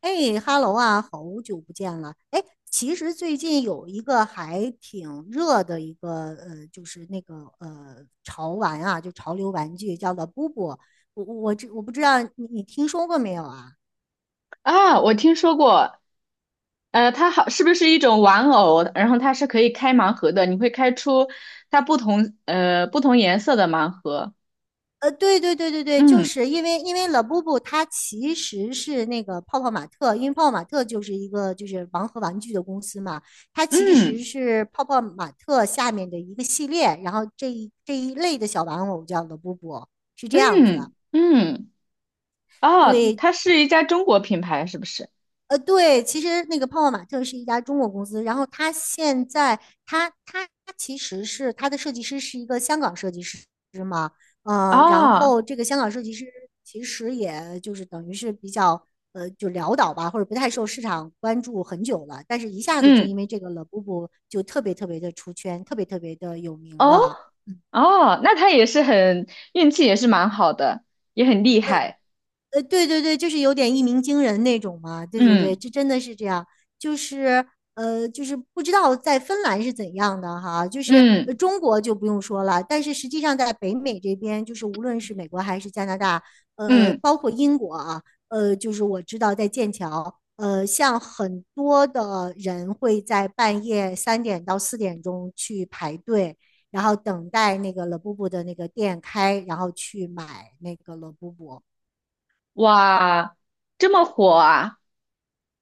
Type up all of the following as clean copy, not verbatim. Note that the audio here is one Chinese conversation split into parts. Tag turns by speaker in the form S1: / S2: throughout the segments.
S1: 哎哈喽啊，好久不见了。哎，其实最近有一个还挺热的一个就是那个潮玩啊，就潮流玩具，叫做布布。我不知道你听说过没有啊？
S2: 啊，我听说过，它好，是不是一种玩偶？然后它是可以开盲盒的，你会开出它不同颜色的盲盒。
S1: 对对对对对，就
S2: 嗯
S1: 是因为 l 布布它其实是那个泡泡玛特，因为泡泡玛特就是一个就是盲盒玩具的公司嘛，它其实
S2: 嗯
S1: 是泡泡玛特下面的一个系列，然后这一类的小玩偶叫 l 布布，是这样子。
S2: 嗯嗯，哦，
S1: 对，
S2: 它是一家中国品牌，是不是？
S1: 对，其实那个泡泡玛特是一家中国公司，然后它现在，它其实是它的设计师是一个香港设计师嘛，然
S2: 哦，
S1: 后这个香港设计师其实也就是等于是比较就潦倒吧，或者不太受市场关注很久了，但是一下子就因
S2: 嗯
S1: 为这个 l 布布就特别特别的出圈，特别特别的有名
S2: 哦
S1: 了。
S2: 哦，那它也是很运气也是蛮好的，也很厉害。
S1: 对对对，就是有点一鸣惊人那种嘛。对对对，
S2: 嗯
S1: 这真的是这样。就是就是不知道在芬兰是怎样的哈，就是
S2: 嗯
S1: 中国就不用说了，但是实际上在北美这边，就是无论是美国还是加拿大，
S2: 嗯，
S1: 包括英国啊，就是我知道在剑桥，像很多的人会在半夜3点到4点钟去排队。然后等待那个 l e b u b 的那个店开，然后去买那个 l e b u b。
S2: 哇，这么火啊！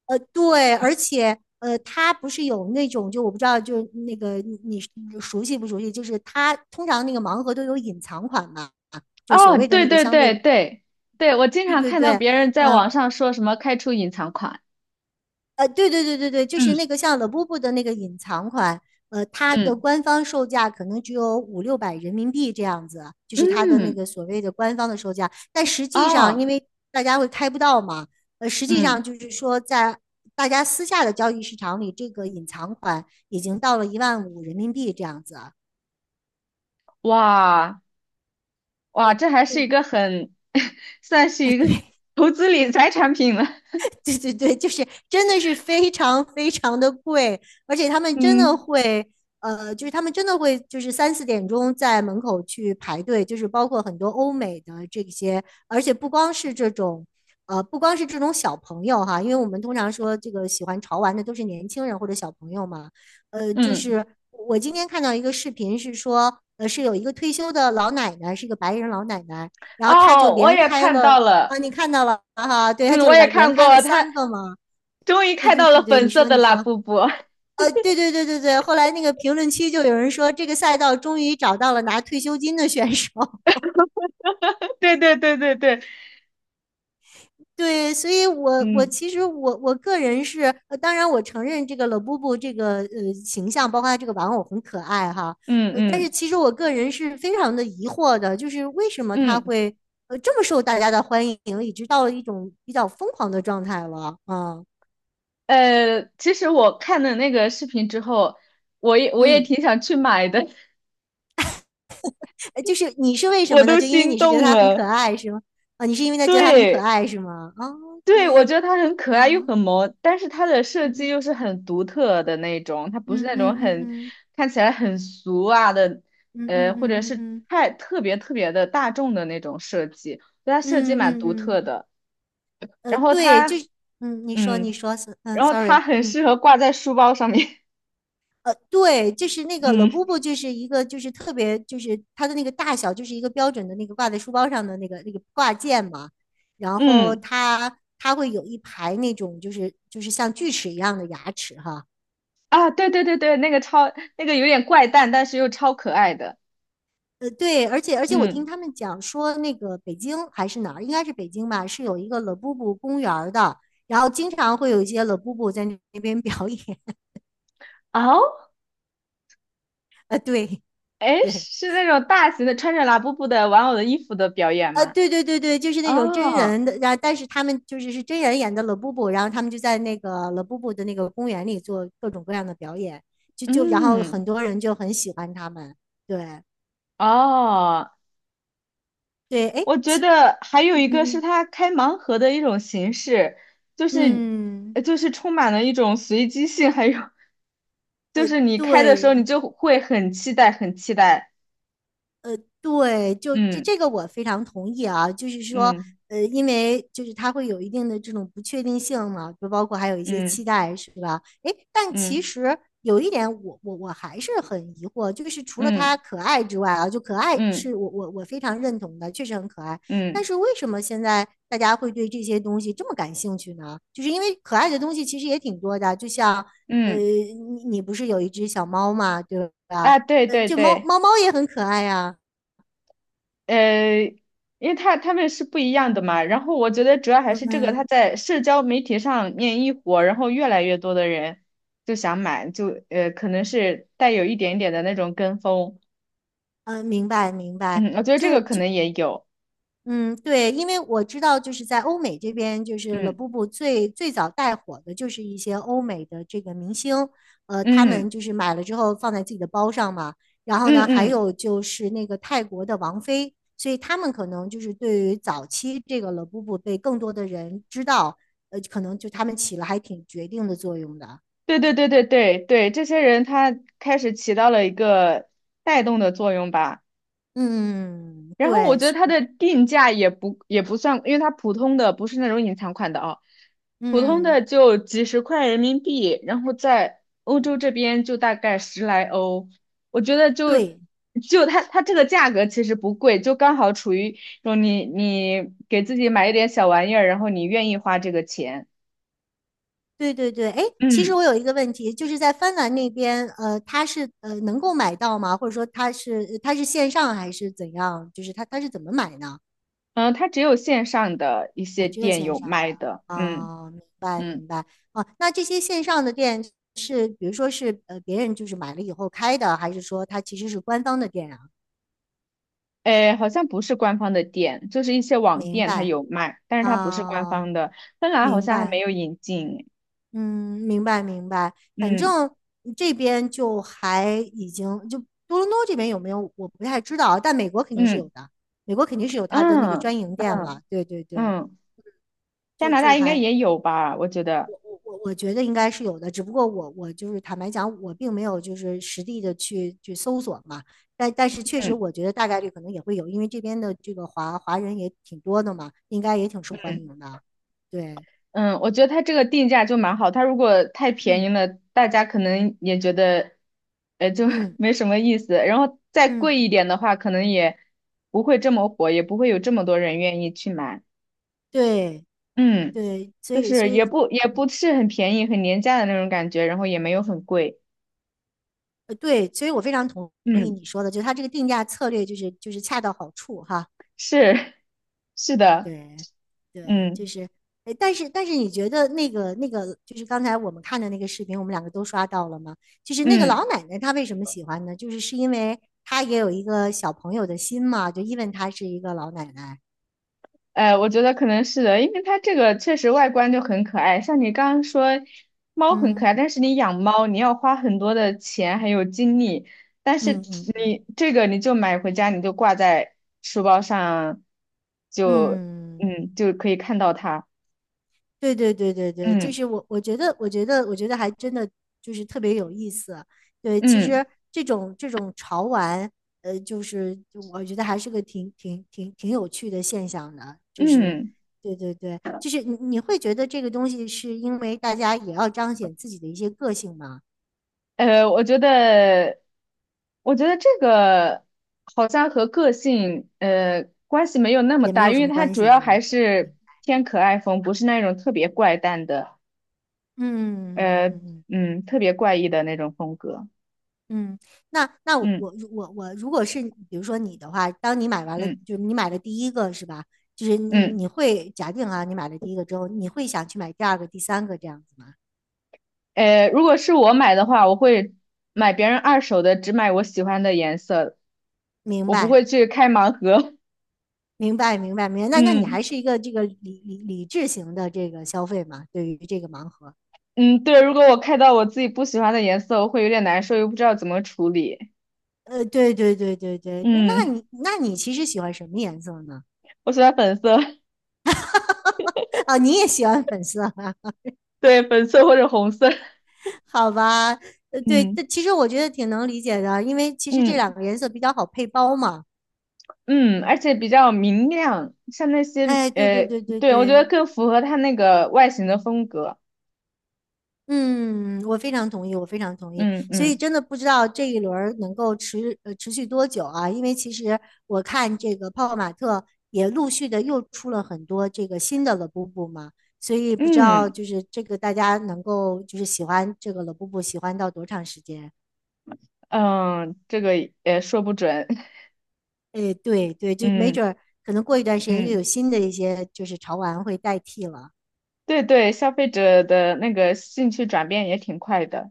S1: 对，而且它不是有那种，就我不知道，就那个你熟悉不熟悉？就是它通常那个盲盒都有隐藏款嘛，就是所
S2: 哦，
S1: 谓的
S2: 对
S1: 那个
S2: 对
S1: 相
S2: 对
S1: 对，
S2: 对对，我经
S1: 对
S2: 常
S1: 对
S2: 看到
S1: 对，
S2: 别人在网
S1: 嗯、
S2: 上说什么开出隐藏款，
S1: 对对对对对，就
S2: 嗯，
S1: 是那个像 Labubu 的那个隐藏款，它的
S2: 嗯
S1: 官方售价可能只有五六百人民币这样子，就是它的那
S2: 嗯
S1: 个所谓的官方的售价。但实际上，
S2: 哦
S1: 因为大家会开不到嘛，实际
S2: 嗯，
S1: 上就是说，在大家私下的交易市场里，这个隐藏款已经到了1.5万人民币这样子。
S2: 哇哇，这还是
S1: 对，
S2: 一个很 算是
S1: 啊，
S2: 一个
S1: 对，
S2: 投资理财产品了，
S1: 对对对，就是真的是非常非常的贵，而且他们真的
S2: 嗯
S1: 会，就是他们真的会，就是3、4点钟在门口去排队，就是包括很多欧美的这些，而且不光是这种。不光是这种小朋友哈，因为我们通常说这个喜欢潮玩的都是年轻人或者小朋友嘛。就
S2: 嗯
S1: 是我今天看到一个视频是说，是有一个退休的老奶奶，是一个白人老奶奶，然后她就
S2: 哦，我
S1: 连
S2: 也
S1: 开
S2: 看到
S1: 了。啊，
S2: 了，
S1: 你看到了哈，对，他
S2: 嗯，
S1: 就
S2: 我也
S1: 来连
S2: 看
S1: 开了
S2: 过，他
S1: 三个嘛，
S2: 终于
S1: 对
S2: 看
S1: 对
S2: 到了
S1: 对对，你
S2: 粉色
S1: 说
S2: 的
S1: 你
S2: 拉
S1: 说，
S2: 布布，
S1: 对对对对对，后来那个评论区就有人说，这个赛道终于找到了拿退休金的选手，
S2: 对对对对对，
S1: 对，所以我
S2: 嗯
S1: 其实我个人是，当然我承认这个老布布这个形象，包括他这个玩偶很可爱哈，
S2: 嗯
S1: 但是
S2: 嗯
S1: 其实我个人是非常的疑惑的，就是为什么他
S2: 嗯。
S1: 会这么受大家的欢迎，已经到了一种比较疯狂的状态了啊，
S2: 其实我看了那个视频之后，我也我也
S1: 嗯。
S2: 挺想去买的，
S1: 就是你是为 什
S2: 我
S1: 么呢？
S2: 都
S1: 就因为
S2: 心
S1: 你是觉得
S2: 动
S1: 他很可
S2: 了。
S1: 爱是吗？啊，你是因为他觉得他很可
S2: 对
S1: 爱是吗哦
S2: 对，我
S1: ？OK，
S2: 觉得它很可爱又
S1: 嗯
S2: 很萌，但是它的设计
S1: 嗯
S2: 又是很独特的那种，它不是
S1: 嗯
S2: 那
S1: 嗯
S2: 种很
S1: 嗯
S2: 看起来很俗啊的，
S1: 嗯嗯
S2: 或
S1: 嗯
S2: 者
S1: 嗯
S2: 是
S1: 嗯
S2: 太特别特别的大众的那种设计，对它设计
S1: 嗯嗯
S2: 蛮独
S1: 嗯
S2: 特
S1: 嗯，
S2: 的。然后
S1: 对，
S2: 它，
S1: 就是你说你
S2: 嗯，
S1: 说是
S2: 然后它
S1: sorry，
S2: 很
S1: 嗯。
S2: 适合挂在书包上面，
S1: 对，就是那 个 l
S2: 嗯
S1: 布布就是一个就是特别就是它的那个大小，就是一个标准的那个挂在书包上的那个挂件嘛。然后
S2: 嗯。
S1: 它会有一排那种就是就是像锯齿一样的牙齿哈，
S2: 啊，对对对对，那个超那个有点怪诞，但是又超可爱的。
S1: 对，而且我听
S2: 嗯，
S1: 他们讲说，那个北京还是哪儿，应该是北京吧，是有一个 l 布布公园儿的，然后经常会有一些 l 布布在那边表演。
S2: 哦，
S1: 对
S2: 哎，
S1: 对，
S2: 是那种大型的穿着拉布布的玩偶的衣服的表演吗？
S1: 对对对对，就是那种真
S2: 哦，
S1: 人的，然后但是他们就是是真人演的 l 布布，然后他们就在那个 l 布布的那个公园里做各种各样的表演，就然后很
S2: 嗯，
S1: 多人就很喜欢他们。对
S2: 哦，
S1: 对，哎，
S2: 我觉得还有
S1: 嗯
S2: 一个是
S1: 嗯
S2: 他开盲盒的一种形式，就是
S1: 嗯嗯，
S2: 就是充满了一种随机性，还有就是你开的时候
S1: 对
S2: 你就会很期待，很期待。
S1: 对，就这这个我非常同意啊，就是说，
S2: 嗯
S1: 因为就是它会有一定的这种不确定性嘛，就包括还有一些期
S2: 嗯
S1: 待，是吧？诶，但其
S2: 嗯
S1: 实有一点我，我还是很疑惑，就是除了
S2: 嗯
S1: 它可爱之外啊，就可爱
S2: 嗯嗯
S1: 是我非常认同的，确实很可爱。
S2: 嗯。
S1: 但
S2: 嗯
S1: 是为什么现在大家会对这些东西这么感兴趣呢？就是因为可爱的东西其实也挺多的，就像，
S2: 嗯
S1: 你不是有一只小猫嘛，对吧？
S2: 啊，对对
S1: 就猫
S2: 对，
S1: 猫猫也很可爱呀、
S2: 呃，因为他他们是不一样的嘛，然后我觉得主要还
S1: 嗯
S2: 是这个，他
S1: 嗯
S2: 在社交媒体上面一火，然后越来越多的人就想买，可能是带有一点点的那种跟风，
S1: 嗯，明白明白。
S2: 嗯，我觉得这个可能也有，
S1: 嗯，对，因为我知道，就是在欧美这边，就是 u
S2: 嗯
S1: 布布最早带火的就是一些欧美的这个明星，他
S2: 嗯
S1: 们就是买了之后放在自己的包上嘛。然后
S2: 嗯
S1: 呢，还有
S2: 嗯，
S1: 就是那个泰国的王菲，所以他们可能就是对于早期这个 u 布布被更多的人知道，可能就他们起了还挺决定的作用的。
S2: 对对对对对对，这些人他开始起到了一个带动的作用吧。
S1: 嗯，
S2: 然后我
S1: 对，
S2: 觉得它的定价也不也不算，因为它普通的不是那种隐藏款的啊，普通
S1: 嗯，
S2: 的就几十块人民币，然后在欧洲这
S1: 对
S2: 边就大概十来欧，我觉得就
S1: 对。
S2: 就它它这个价格其实不贵，就刚好处于说你你给自己买一点小玩意儿，然后你愿意花这个钱，
S1: 对对对，哎，其实
S2: 嗯
S1: 我有一个问题，就是在芬兰那边，它是能够买到吗？或者说它是线上还是怎样？就是它是怎么买呢？
S2: 嗯，它只有线上的一
S1: 啊，
S2: 些
S1: 只有
S2: 店
S1: 线
S2: 有
S1: 上啊。
S2: 卖的，嗯
S1: 哦，明白
S2: 嗯。
S1: 明白。哦，那这些线上的店是，比如说是别人就是买了以后开的，还是说它其实是官方的店啊？
S2: 诶，好像不是官方的店，就是一些网
S1: 明
S2: 店它
S1: 白
S2: 有卖，但是它不是官
S1: 啊，
S2: 方的。芬兰好
S1: 明
S2: 像还没
S1: 白。
S2: 有引进。
S1: 嗯，明白明白，反
S2: 嗯
S1: 正这边就还已经就多伦多这边有没有我不太知道啊，但美国肯定是有
S2: 嗯
S1: 的，美国肯定是有它的那个
S2: 嗯
S1: 专营店
S2: 嗯
S1: 了。对对对，
S2: 嗯，加
S1: 就
S2: 拿
S1: 就
S2: 大应该
S1: 还
S2: 也有吧？我觉得。
S1: 我觉得应该是有的，只不过我就是坦白讲，我并没有就是实地的去去搜索嘛，但但是确实
S2: 嗯
S1: 我觉得大概率可能也会有，因为这边的这个华华人也挺多的嘛，应该也挺受欢
S2: 嗯
S1: 迎的。对，
S2: 嗯，我觉得它这个定价就蛮好。它如果太便宜
S1: 嗯
S2: 了，大家可能也觉得，就
S1: 嗯
S2: 没什么意思。然后再
S1: 嗯，
S2: 贵一点的话，可能也不会这么火，也不会有这么多人愿意去买。
S1: 对
S2: 嗯。
S1: 对，所
S2: 就
S1: 以所
S2: 是也
S1: 以
S2: 不也不是很便宜，很廉价的那种感觉，然后也没有很贵。
S1: 对，所以我非常同意
S2: 嗯，
S1: 你说的，就是它这个定价策略就是就是恰到好处哈。
S2: 是 是的，
S1: 对，对，就
S2: 嗯
S1: 是，哎，但是但是你觉得那个那个就是刚才我们看的那个视频，我们两个都刷到了吗？就是那个老
S2: 嗯，
S1: 奶奶她为什么喜欢呢？就是是因为她也有一个小朋友的心嘛，就因为她是一个老奶奶。
S2: 我觉得可能是的，因为它这个确实外观就很可爱，像你刚刚说猫很可
S1: 嗯
S2: 爱，但是你养猫你要花很多的钱还有精力，但是
S1: 嗯嗯嗯。
S2: 你这个你就买回家你就挂在书包上，就
S1: 嗯
S2: 嗯就可以看到它，
S1: 对对对对对，就
S2: 嗯
S1: 是我，我觉得，我觉得，我觉得还真的就是特别有意思。对，其
S2: 嗯
S1: 实这种这种潮玩，就是我觉得还是个挺有趣的现象的。就是，
S2: 嗯。
S1: 对对对，就是你会觉得这个东西是因为大家也要彰显自己的一些个性嘛，
S2: 呃，我觉得，我觉得这个好像和个性关系没有那么
S1: 也没
S2: 大，
S1: 有
S2: 因
S1: 什
S2: 为
S1: 么
S2: 它
S1: 关
S2: 主
S1: 系，
S2: 要
S1: 是
S2: 还
S1: 吧？嗯
S2: 是偏可爱风，不是那种特别怪诞的，
S1: 嗯嗯
S2: 呃，
S1: 嗯嗯。
S2: 嗯，特别怪异的那种风格。
S1: 嗯，那那我
S2: 嗯
S1: 我我我如果是比如说你的话，当你买完了，
S2: 嗯
S1: 就是你买了第一个是吧？就是你
S2: 嗯，
S1: 你会假定啊，你买了第一个之后，你会想去买第二个、第三个这样子吗？
S2: 如果是我买的话，我会买别人二手的，只买我喜欢的颜色，
S1: 明
S2: 我不
S1: 白，
S2: 会去开盲盒。
S1: 明白，明白，明白。那那你还
S2: 嗯
S1: 是一个这个理智型的这个消费嘛？对于这个盲盒，
S2: 嗯，对，如果我开到我自己不喜欢的颜色，我会有点难受，又不知道怎么处理。
S1: 对对对对对，那那
S2: 嗯。
S1: 你那你其实喜欢什么颜色呢？
S2: 我喜欢粉色，
S1: 啊，你也喜欢粉色啊？
S2: 对，粉色或者红色，
S1: 好吧，对，这
S2: 嗯
S1: 其实我觉得挺能理解的，因为其实这两
S2: 嗯
S1: 个颜色比较好配包嘛。
S2: 嗯，而且比较明亮，像那些
S1: 哎，对对对对
S2: 对，我觉得
S1: 对，
S2: 更符合它那个外形的风格，
S1: 嗯，我非常同意，我非常同意。
S2: 嗯
S1: 所以
S2: 嗯
S1: 真的不知道这一轮儿能够持续多久啊？因为其实我看这个泡泡玛特也陆续的又出了很多这个新的乐布布嘛，所以不知道
S2: 嗯
S1: 就是这个大家能够就是喜欢这个乐布布喜欢到多长时间？
S2: 嗯，这个也说不准，
S1: 哎，对对，就没
S2: 嗯
S1: 准儿可能过一段时间又有
S2: 嗯，
S1: 新的一些就是潮玩会代替了。
S2: 对对，消费者的那个兴趣转变也挺快的，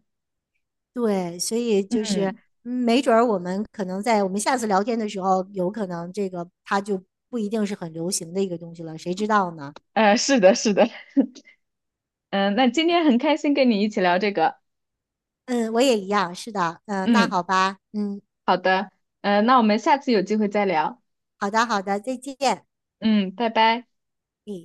S1: 对，所以就是
S2: 嗯
S1: 没准儿我们可能在我们下次聊天的时候，有可能这个它就不一定是很流行的一个东西了，谁知道呢？
S2: 是的是的，嗯，那今天很开心跟你一起聊这个，
S1: 嗯，我也一样，是的，嗯，那
S2: 嗯，
S1: 好吧，嗯，
S2: 好的，那我们下次有机会再聊，
S1: 好的，好的，再见，
S2: 嗯，拜拜。
S1: 嗯。